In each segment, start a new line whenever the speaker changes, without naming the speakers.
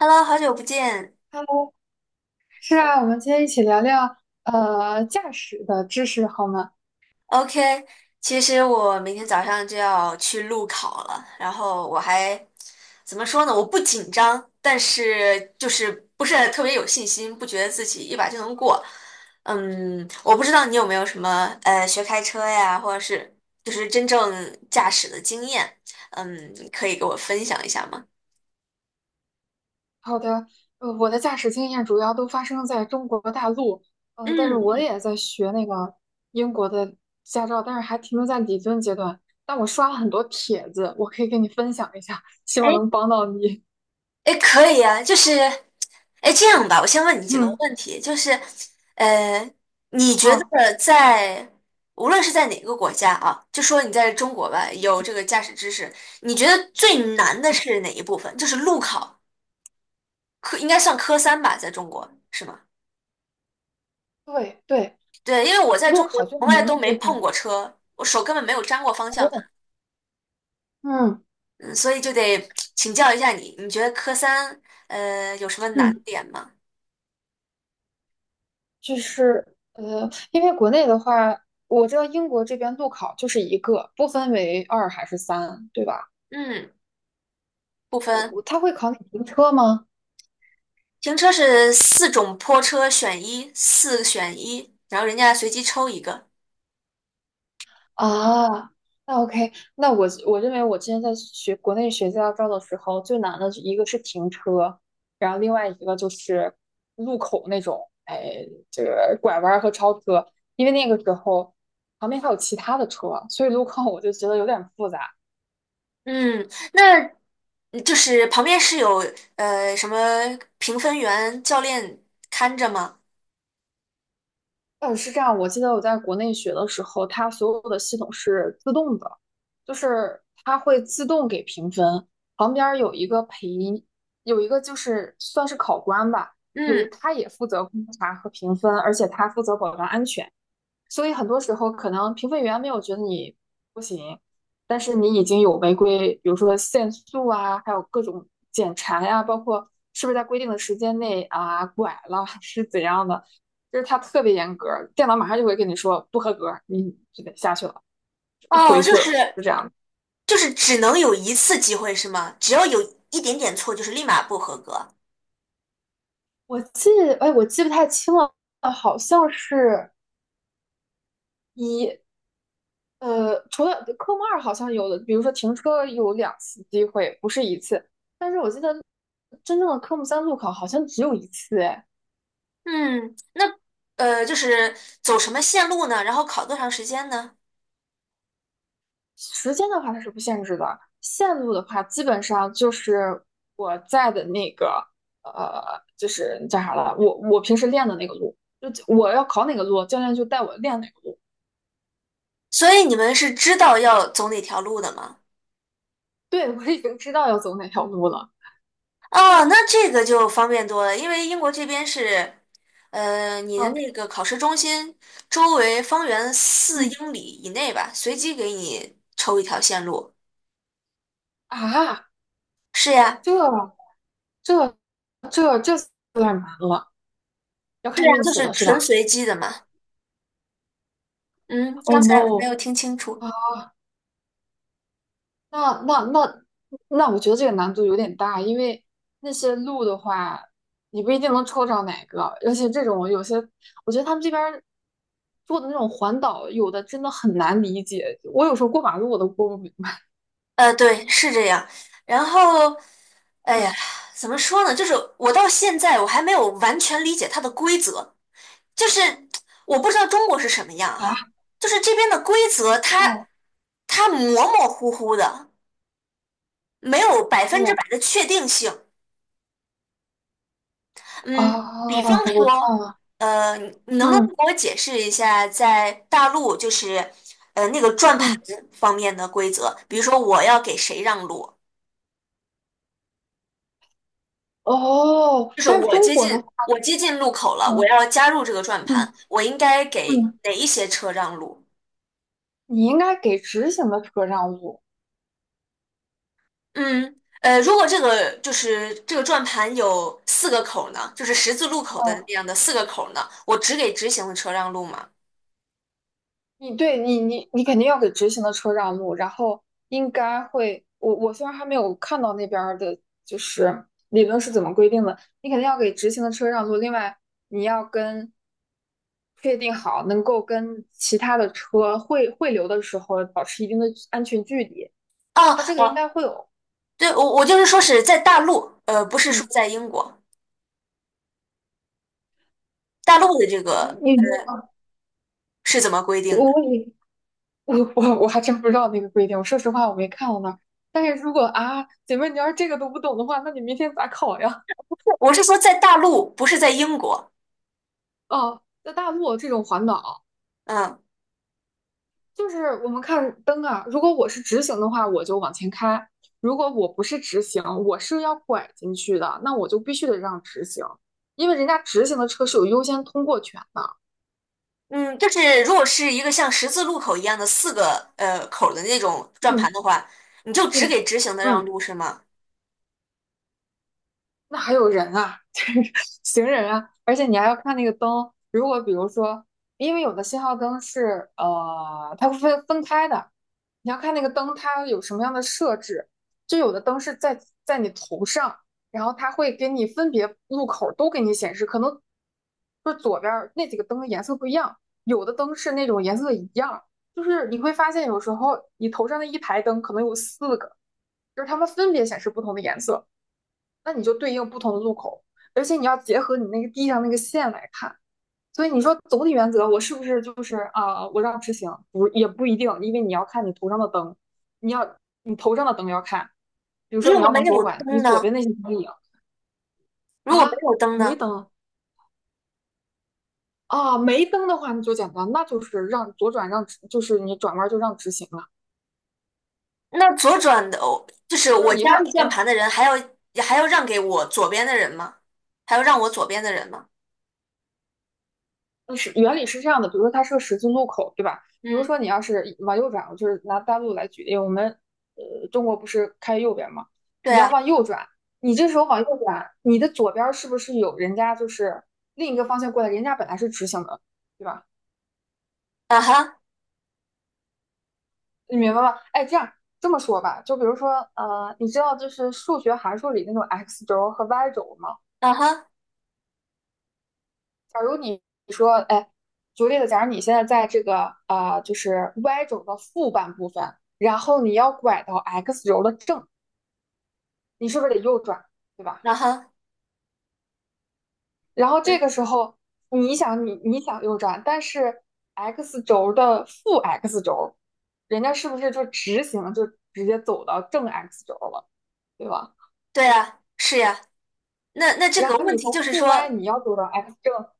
Hello，好久不见。
Hello，是啊，我们今天一起聊聊驾驶的知识好吗？
OK，其实我明天早上就要去路考了，然后我还怎么说呢？我不紧张，但是就是不是特别有信心，不觉得自己一把就能过。嗯，我不知道你有没有什么学开车呀，或者是就是真正驾驶的经验，嗯，可以给我分享一下吗？
好的，我的驾驶经验主要都发生在中国大陆，但是我
嗯，
也在学那个英国的驾照，但是还停留在理论阶段。但我刷了很多帖子，我可以跟你分享一下，希
哎，
望能帮到你。
哎，可以啊，就是，哎，这样吧，我先问你几个
嗯，
问题，就是，呃，你觉
好，
得在无论是在哪个国家啊，就说你在中国吧，有这个驾驶知识，你觉得最难的
嗯，
是哪一部分？就是路考，科应该算科三吧，在中国是吗？
对对，
对，因为我在
路
中国
考最
从来
难的
都
部
没碰
分。
过车，我手根本没有沾过方向盘，
哦，嗯
嗯，所以就得请教一下你，你觉得科三有什么难
嗯。
点吗？
就是因为国内的话，我知道英国这边路考就是一个，不分为二还是三，对吧？
嗯，不分。
他会考你停车吗？
停车是四种坡车选一，四选一，然后人家随机抽一个。
啊，那 OK，那我认为我之前在学国内学驾照的时候，最难的一个是停车，然后另外一个就是路口那种，哎，这个拐弯儿和超车，因为那个时候旁边还有其他的车，所以路况我就觉得有点复杂。
嗯，那就是旁边是有什么评分员、教练看着吗？
是这样，我记得我在国内学的时候，它所有的系统是自动的，就是它会自动给评分，旁边儿有一个陪，有一个就是算是考官吧，
嗯，
他也负责观察和评分，而且他负责保障安全。所以很多时候可能评分员没有觉得你不行，但是你已经有违规，比如说限速啊，还有各种检查呀、包括是不是在规定的时间内啊拐了 是怎样的，就是它特别严格，电脑马上就会跟你说不合格，你就得下去了，回
哦，就
去
是
了，就这样。
就是只能有一次机会是吗？只要有一点点错，就是立马不合格。
我记，哎，我记不太清了，好像是。一。除了科目二好像有的，比如说停车有两次机会，不是一次。但是我记得真正的科目三路考好像只有一次，哎，
嗯，那就是走什么线路呢？然后考多长时间呢？
时间的话它是不限制的，线路的话基本上就是我在的那个呃，就是叫啥了，我平时练的那个路，就我要考哪个路，教练就带我练哪个路。
所以你们是知道要走哪条路的吗？
对，我已经知道要走哪条路了。
哦，那这个就方便多了，因为英国这边是，你的
嗯
那个考试中心周围方圆四
嗯
英里以内吧，随机给你抽一条线路。
啊，
是呀，
这这有点难了，要
对
看
呀，
运
就
气
是
了是
纯
吧
随机的嘛。嗯，
？Oh
刚才我
no！
没
啊，
有听清楚。
那那那那，我觉得这个难度有点大，因为那些路的话，你不一定能抽着哪个，而且这种有些，我觉得他们这边儿做的那种环岛，有的真的很难理解。我有时候过马路我都过不明白。
对，是这样。然后，哎呀，
嗯
怎么说呢？就是我到现在我还没有完全理解它的规则。就是我不知道中国是什么样
啊
哈，就是这边的规则 它
哦
它模模糊糊的，没有百分之
哦
百的确定性。嗯，比
啊，
方
我知道
说，
了。
呃，你能不能
嗯
给我解释一下，在大陆就是那个转盘
嗯
方面的规则？比如说我要给谁让路，
哦，
就是
但是
我
中
接
国
近
的，
我接近路口了，我
嗯
要加入这个转
嗯
盘，我应该给
嗯，
哪一些车让路？
你应该给直行的车让路。
嗯，如果这个就是这个转盘有四个口儿呢，就是十字路口的那样的四个口儿呢，我只给直行的车让路吗？
对，你肯定要给直行的车让路，然后应该会，我虽然还没有看到那边儿的，就是理论是怎么规定的，你肯定要给直行的车让路。另外，你要跟确定好能够跟其他的车汇流的时候保持一定的安全距离，
哦
它这个应该
哦，
会有。
对，我就是说是在大陆，不是说
嗯，
在英国，大
那
陆的这个
你你
是怎么规定的？
我你我我我还真不知道那个规定，我说实话我没看到那儿。但是如果啊，姐妹，你要是这个都不懂的话，那你明天咋考呀？
我是说在大陆，不是在英国。
哦，在大陆这种环岛，
嗯
就是我们看灯啊。如果我是直行的话，我就往前开；如果我不是直行，我是要拐进去的，那我就必须得让直行，因为人家直行的车是有优先通过权的。
嗯，就是如果是一个像十字路口一样的四个口儿的那种转盘
嗯，
的话，你就
对
只给直行的让
嗯，
路是吗？
那还有人啊，就是行人啊，而且你还要看那个灯。如果比如说，因为有的信号灯是它会分开的，你要看那个灯它有什么样的设置。就有的灯是在你头上，然后它会给你分别路口都给你显示，可能就是左边儿那几个灯的颜色不一样，有的灯是那种颜色一样，就是你会发现有时候你头上那一排灯可能有四个，就是它们分别显示不同的颜色。那你就对应不同的路口，而且你要结合你那个地上那个线来看。所以你说总体原则，我是不是就是我让直行不也不一定，因为你要看你头上的灯，你要你头上的灯要看。比如说
如
你
果
要
没
往左
有
拐，你
灯
左边
呢？
那些灯影
如果没
啊
有灯
没
呢？
灯没灯的话，那就简单，那就是让左转让直就是你转弯就让直行了。
那左转的，哦就是
就是
我
你
加
看，
入转
哎，
盘的人，还要让给我左边的人吗？还要让我左边的人吗？
原理是这样的，比如说它是个十字路口，对吧？比如
嗯，
说你要是往右转，我就是拿大陆来举例，我们中国不是开右边吗？
对
你要
啊，
往右转，你这时候往右转，你的左边儿是不是有人家就是另一个方向过来，人家本来是直行的，对吧？
啊哈，
你明白吗？哎，这样这么说吧，就比如说你知道就是数学函数里那种 x 轴和 y 轴吗？
啊哈，
假如你说，哎，举个例子，假如你现在在这个就是 Y 轴的负半部分，然后你要拐到 X 轴的正，你是不是得右转，对吧？
啊哈，
然后这
对
个时候你想右转，但是 X 轴的负 X 轴，人家是不是就直行就直接走到正 X 轴了，对吧？
对啊，是呀。那这
然
个
后
问
你
题
从
就是
负 Y
说，
你要走到 X 正，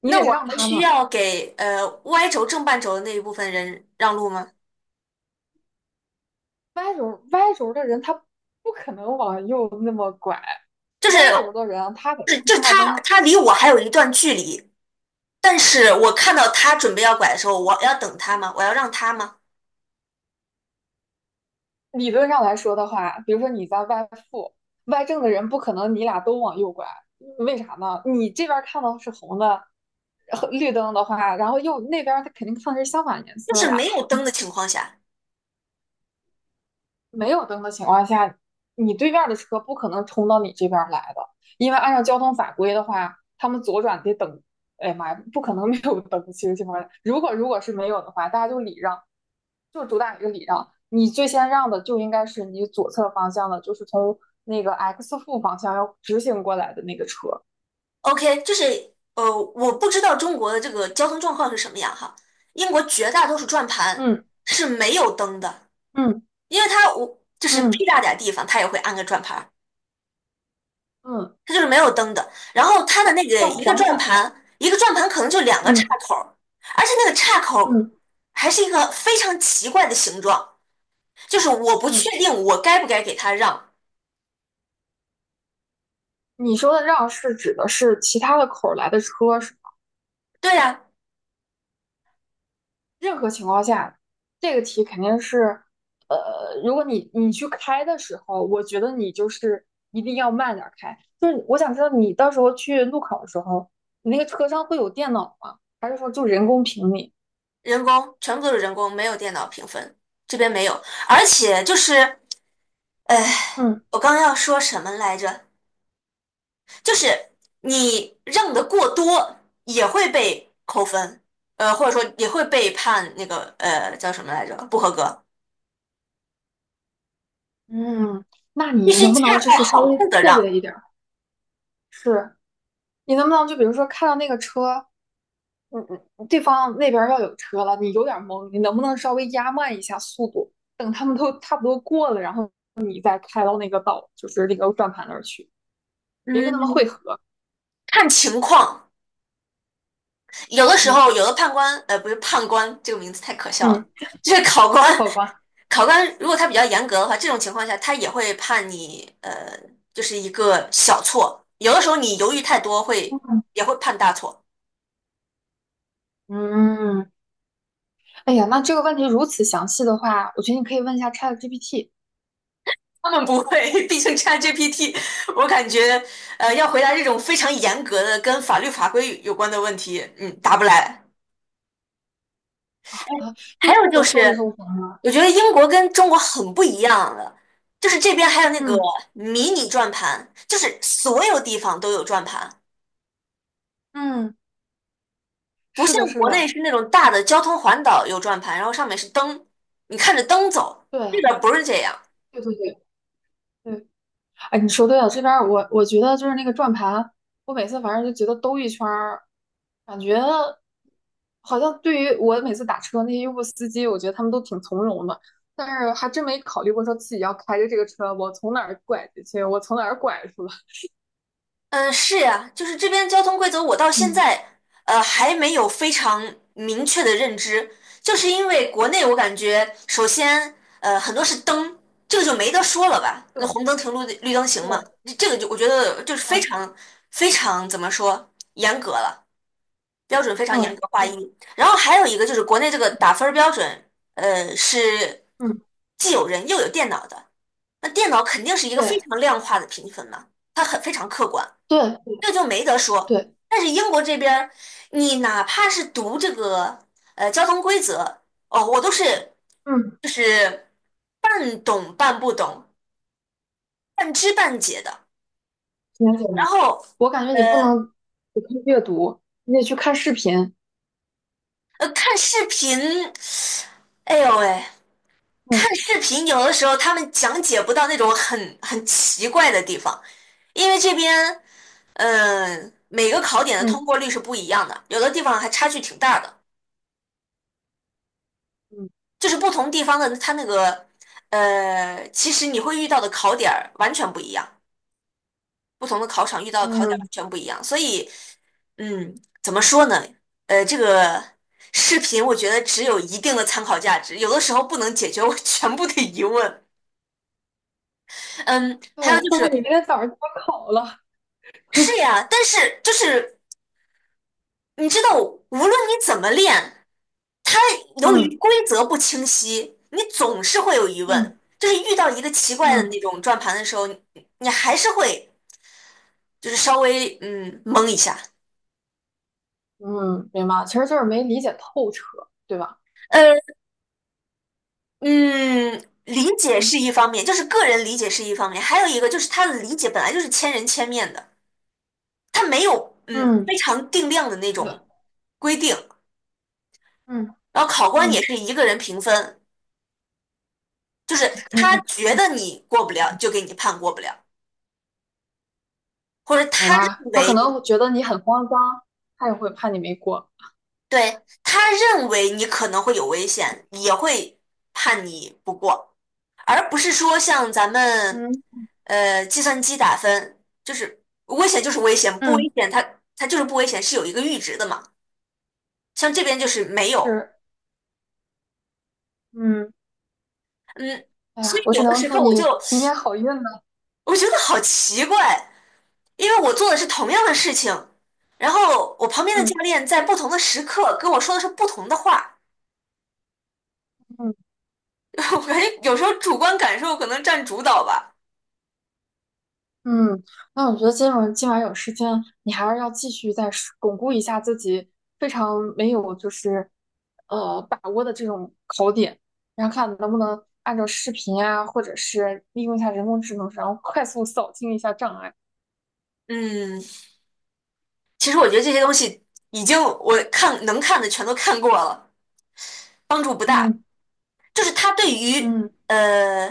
你
那
得
我
让
还
他
需
们，
要给Y 轴正半轴的那一部分人让路吗？
歪轴的人他不可能往右那么拐，
就是
歪轴的人他得
就是
看
就是
信号
他
灯。
他离我还有一段距离，但是我看到他准备要拐的时候，我要等他吗？我要让他吗？
理论上来说的话，比如说你在歪负，歪正的人不可能你俩都往右拐，为啥呢？你这边看到是红的，绿灯的话，然后右那边他肯定看的是相反颜
就
色
是
呀。
没有灯的情况下。
没有灯的情况下，你对面的车不可能冲到你这边儿来的，因为按照交通法规的话，他们左转得等。哎呀妈呀，不可能没有灯。其实情况下，如果是没有的话，大家就礼让，就主打一个礼让。你最先让的就应该是你左侧方向的，就是从那个 X 负方向要直行过来的那个车。
OK，就是我不知道中国的这个交通状况是什么样哈。英国绝大多数转盘
嗯
是没有灯的，
嗯
因为它我就是
嗯
屁大点儿地方，它也会安个转盘儿，
嗯，
它就是没有灯的。然后它的那个
要
一个
环
转
保吧？
盘，一个转盘可能就两个岔
嗯
口儿而且那个岔口儿
嗯
还是一个非常奇怪的形状，就是我不确
嗯，
定我该不该给它让。
你说的让是指的是其他的口儿来的车是？
对呀，
任何情况下，这个题肯定是，如果你去开的时候，我觉得你就是一定要慢点儿开。就是我想知道你到时候去路考的时候，你那个车上会有电脑吗？还是说就人工评你？
人工，全部都是人工，没有电脑评分，这边没有，而且就是。哎，
嗯
我刚要说什么来着？就是你让的过多也会被扣分，或者说也会被判那个叫什么来着？不合格。
嗯，那
必
你
须
能不
恰
能就
到
是稍
好
微
处的
策
让，
略一点儿？是。你能不能就比如说看到那个车，嗯嗯，对方那边儿要有车了，你有点儿懵，你能不能稍微压慢一下速度，等他们都差不多过了，然后你再开到那个道，就是那个转盘那儿去，别跟他们汇
嗯，
合。
看情况。有的时
嗯
候，有的判官，不是判官这个名字太可笑了，
嗯，
就是考官。
好吧。
考官如果他比较严格的话，这种情况下他也会判你，就是一个小错。有的时候你犹豫太多会也会判大错。
嗯，哎呀，那这个问题如此详细的话，我觉得你可以问一下 ChatGPT
他们不会，毕竟 ChatGPT，我感觉要回答这种非常严格的跟法律法规有关的问题，嗯，答不来。
啊
还有就
，YouTube 搜一
是，
搜行吗？
我觉得英国跟中国很不一样的，就是这边还有那个
嗯
迷你转盘，就是所有地方都有转盘，
嗯，
不
是
像
的，是
国内
的，
是那种大的交通环岛有转盘，然后上面是灯，你看着灯走，这
对
边不是这样。
对对对对。哎，你说对了，这边儿我觉得就是那个转盘，我每次反正就觉得兜一圈儿，感觉好像对于我每次打车那些优步司机，我觉得他们都挺从容的，但是还真没考虑过说自己要开着这个车，我从哪儿拐进去，我从哪儿拐出来。
嗯，是呀，就是这边交通规则，我到现
嗯，
在还没有非常明确的认知，就是因为国内我感觉，首先很多是灯，这个就没得说了吧，
对
那红灯停绿灯行嘛，
对，
这个就我觉得就是非
嗯
常非常怎么说严格了，标准非常严
嗯，
格划
对，
一。然后还有一个就是国内这个打分儿标准，是
嗯
既有人又有电脑的，那电脑肯定是一个非
对
常量化的评分嘛，它很非常客观。
对
这就没得说。
对，
但是英国这边儿，你哪怕是读这个交通规则，哦，我都是
嗯，
就是半懂半不懂，半知半解的。
了解
然
了。
后
我感觉你不
呃
能只看阅读，你得去看视频。
看视频，哎呦喂，
嗯
看视频有的时候他们讲解不到那种很奇怪的地方，因为这边每个考点的通
嗯
过率是不一样的，有的地方还差距挺大的。
嗯
就是不同地方的它那个其实你会遇到的考点儿完全不一样，不同的考场遇到的考点儿完
嗯。
全不一样，所以嗯，怎么说呢？这个视频我觉得只有一定的参考价值，有的时候不能解决我全部的疑问。嗯，还有
对，
就
或者你明
是
天早上就要考了，
是呀，但是就是你知道，无论你怎么练，它由
嗯
于规则不清晰，你总是会有疑问。
嗯
就是遇到一个奇怪的
嗯
那种转盘的时候，你还是会就是稍微懵一下。
嗯，明白了其实就是没理解透彻，对吧？
呃嗯，理解是
嗯
一方面，就是个人理解是一方面，还有一个就是他的理解本来就是千人千面的，他没有
嗯
非常定量的那
对，
种规定。
嗯
然后考官也
嗯
是一个人评分，就是他觉得你过不了，就给你判过不了。或者
好
他认
吧，他可
为，
能觉得你很慌张，他也会怕你没过。
对，他认为你可能会有危险，也会判你不过，而不是说像咱们
嗯
计算机打分，就是危险就是危险，不
嗯
危险它就是不危险，是有一个阈值的嘛。像这边就是没有，
是，嗯
嗯，
哎
所
呀，
以
我
有
只
的
能
时
祝
候我就
你明天好运了，
我觉得好奇怪，因为我做的是同样的事情，然后我旁边的教
嗯
练在不同的时刻跟我说的是不同的话。
嗯。
我感觉有时候主观感受可能占主导吧。
嗯，那我觉得今晚有时间，你还是要继续再是巩固一下自己非常没有就是把握的这种考点，然后看能不能按照视频啊，或者是利用一下人工智能，然后快速扫清一下障碍。
嗯，其实我觉得这些东西已经我看能看的全都看过了，帮助不大。
嗯
就是它对于
嗯
呃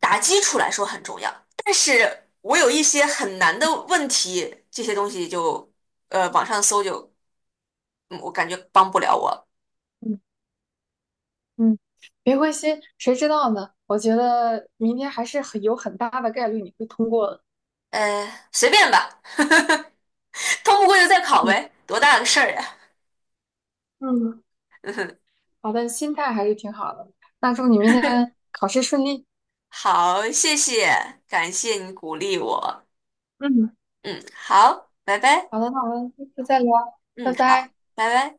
打基础来说很重要，但是我有一些很难的问题，这些东西就网上搜就，我感觉帮不了我。
嗯嗯，别灰心，谁知道呢？我觉得明天还是很大的概率你会通过的。
随便吧，通不过就再考
嗯
呗，多大个事儿呀、
嗯，
嗯
好的，心态还是挺好的。那祝你明天考试顺利。
好，谢谢，感谢你鼓励我。
嗯。
嗯，好，拜拜。
好的，好的，下次再聊，
嗯，
拜
好，
拜。
拜拜。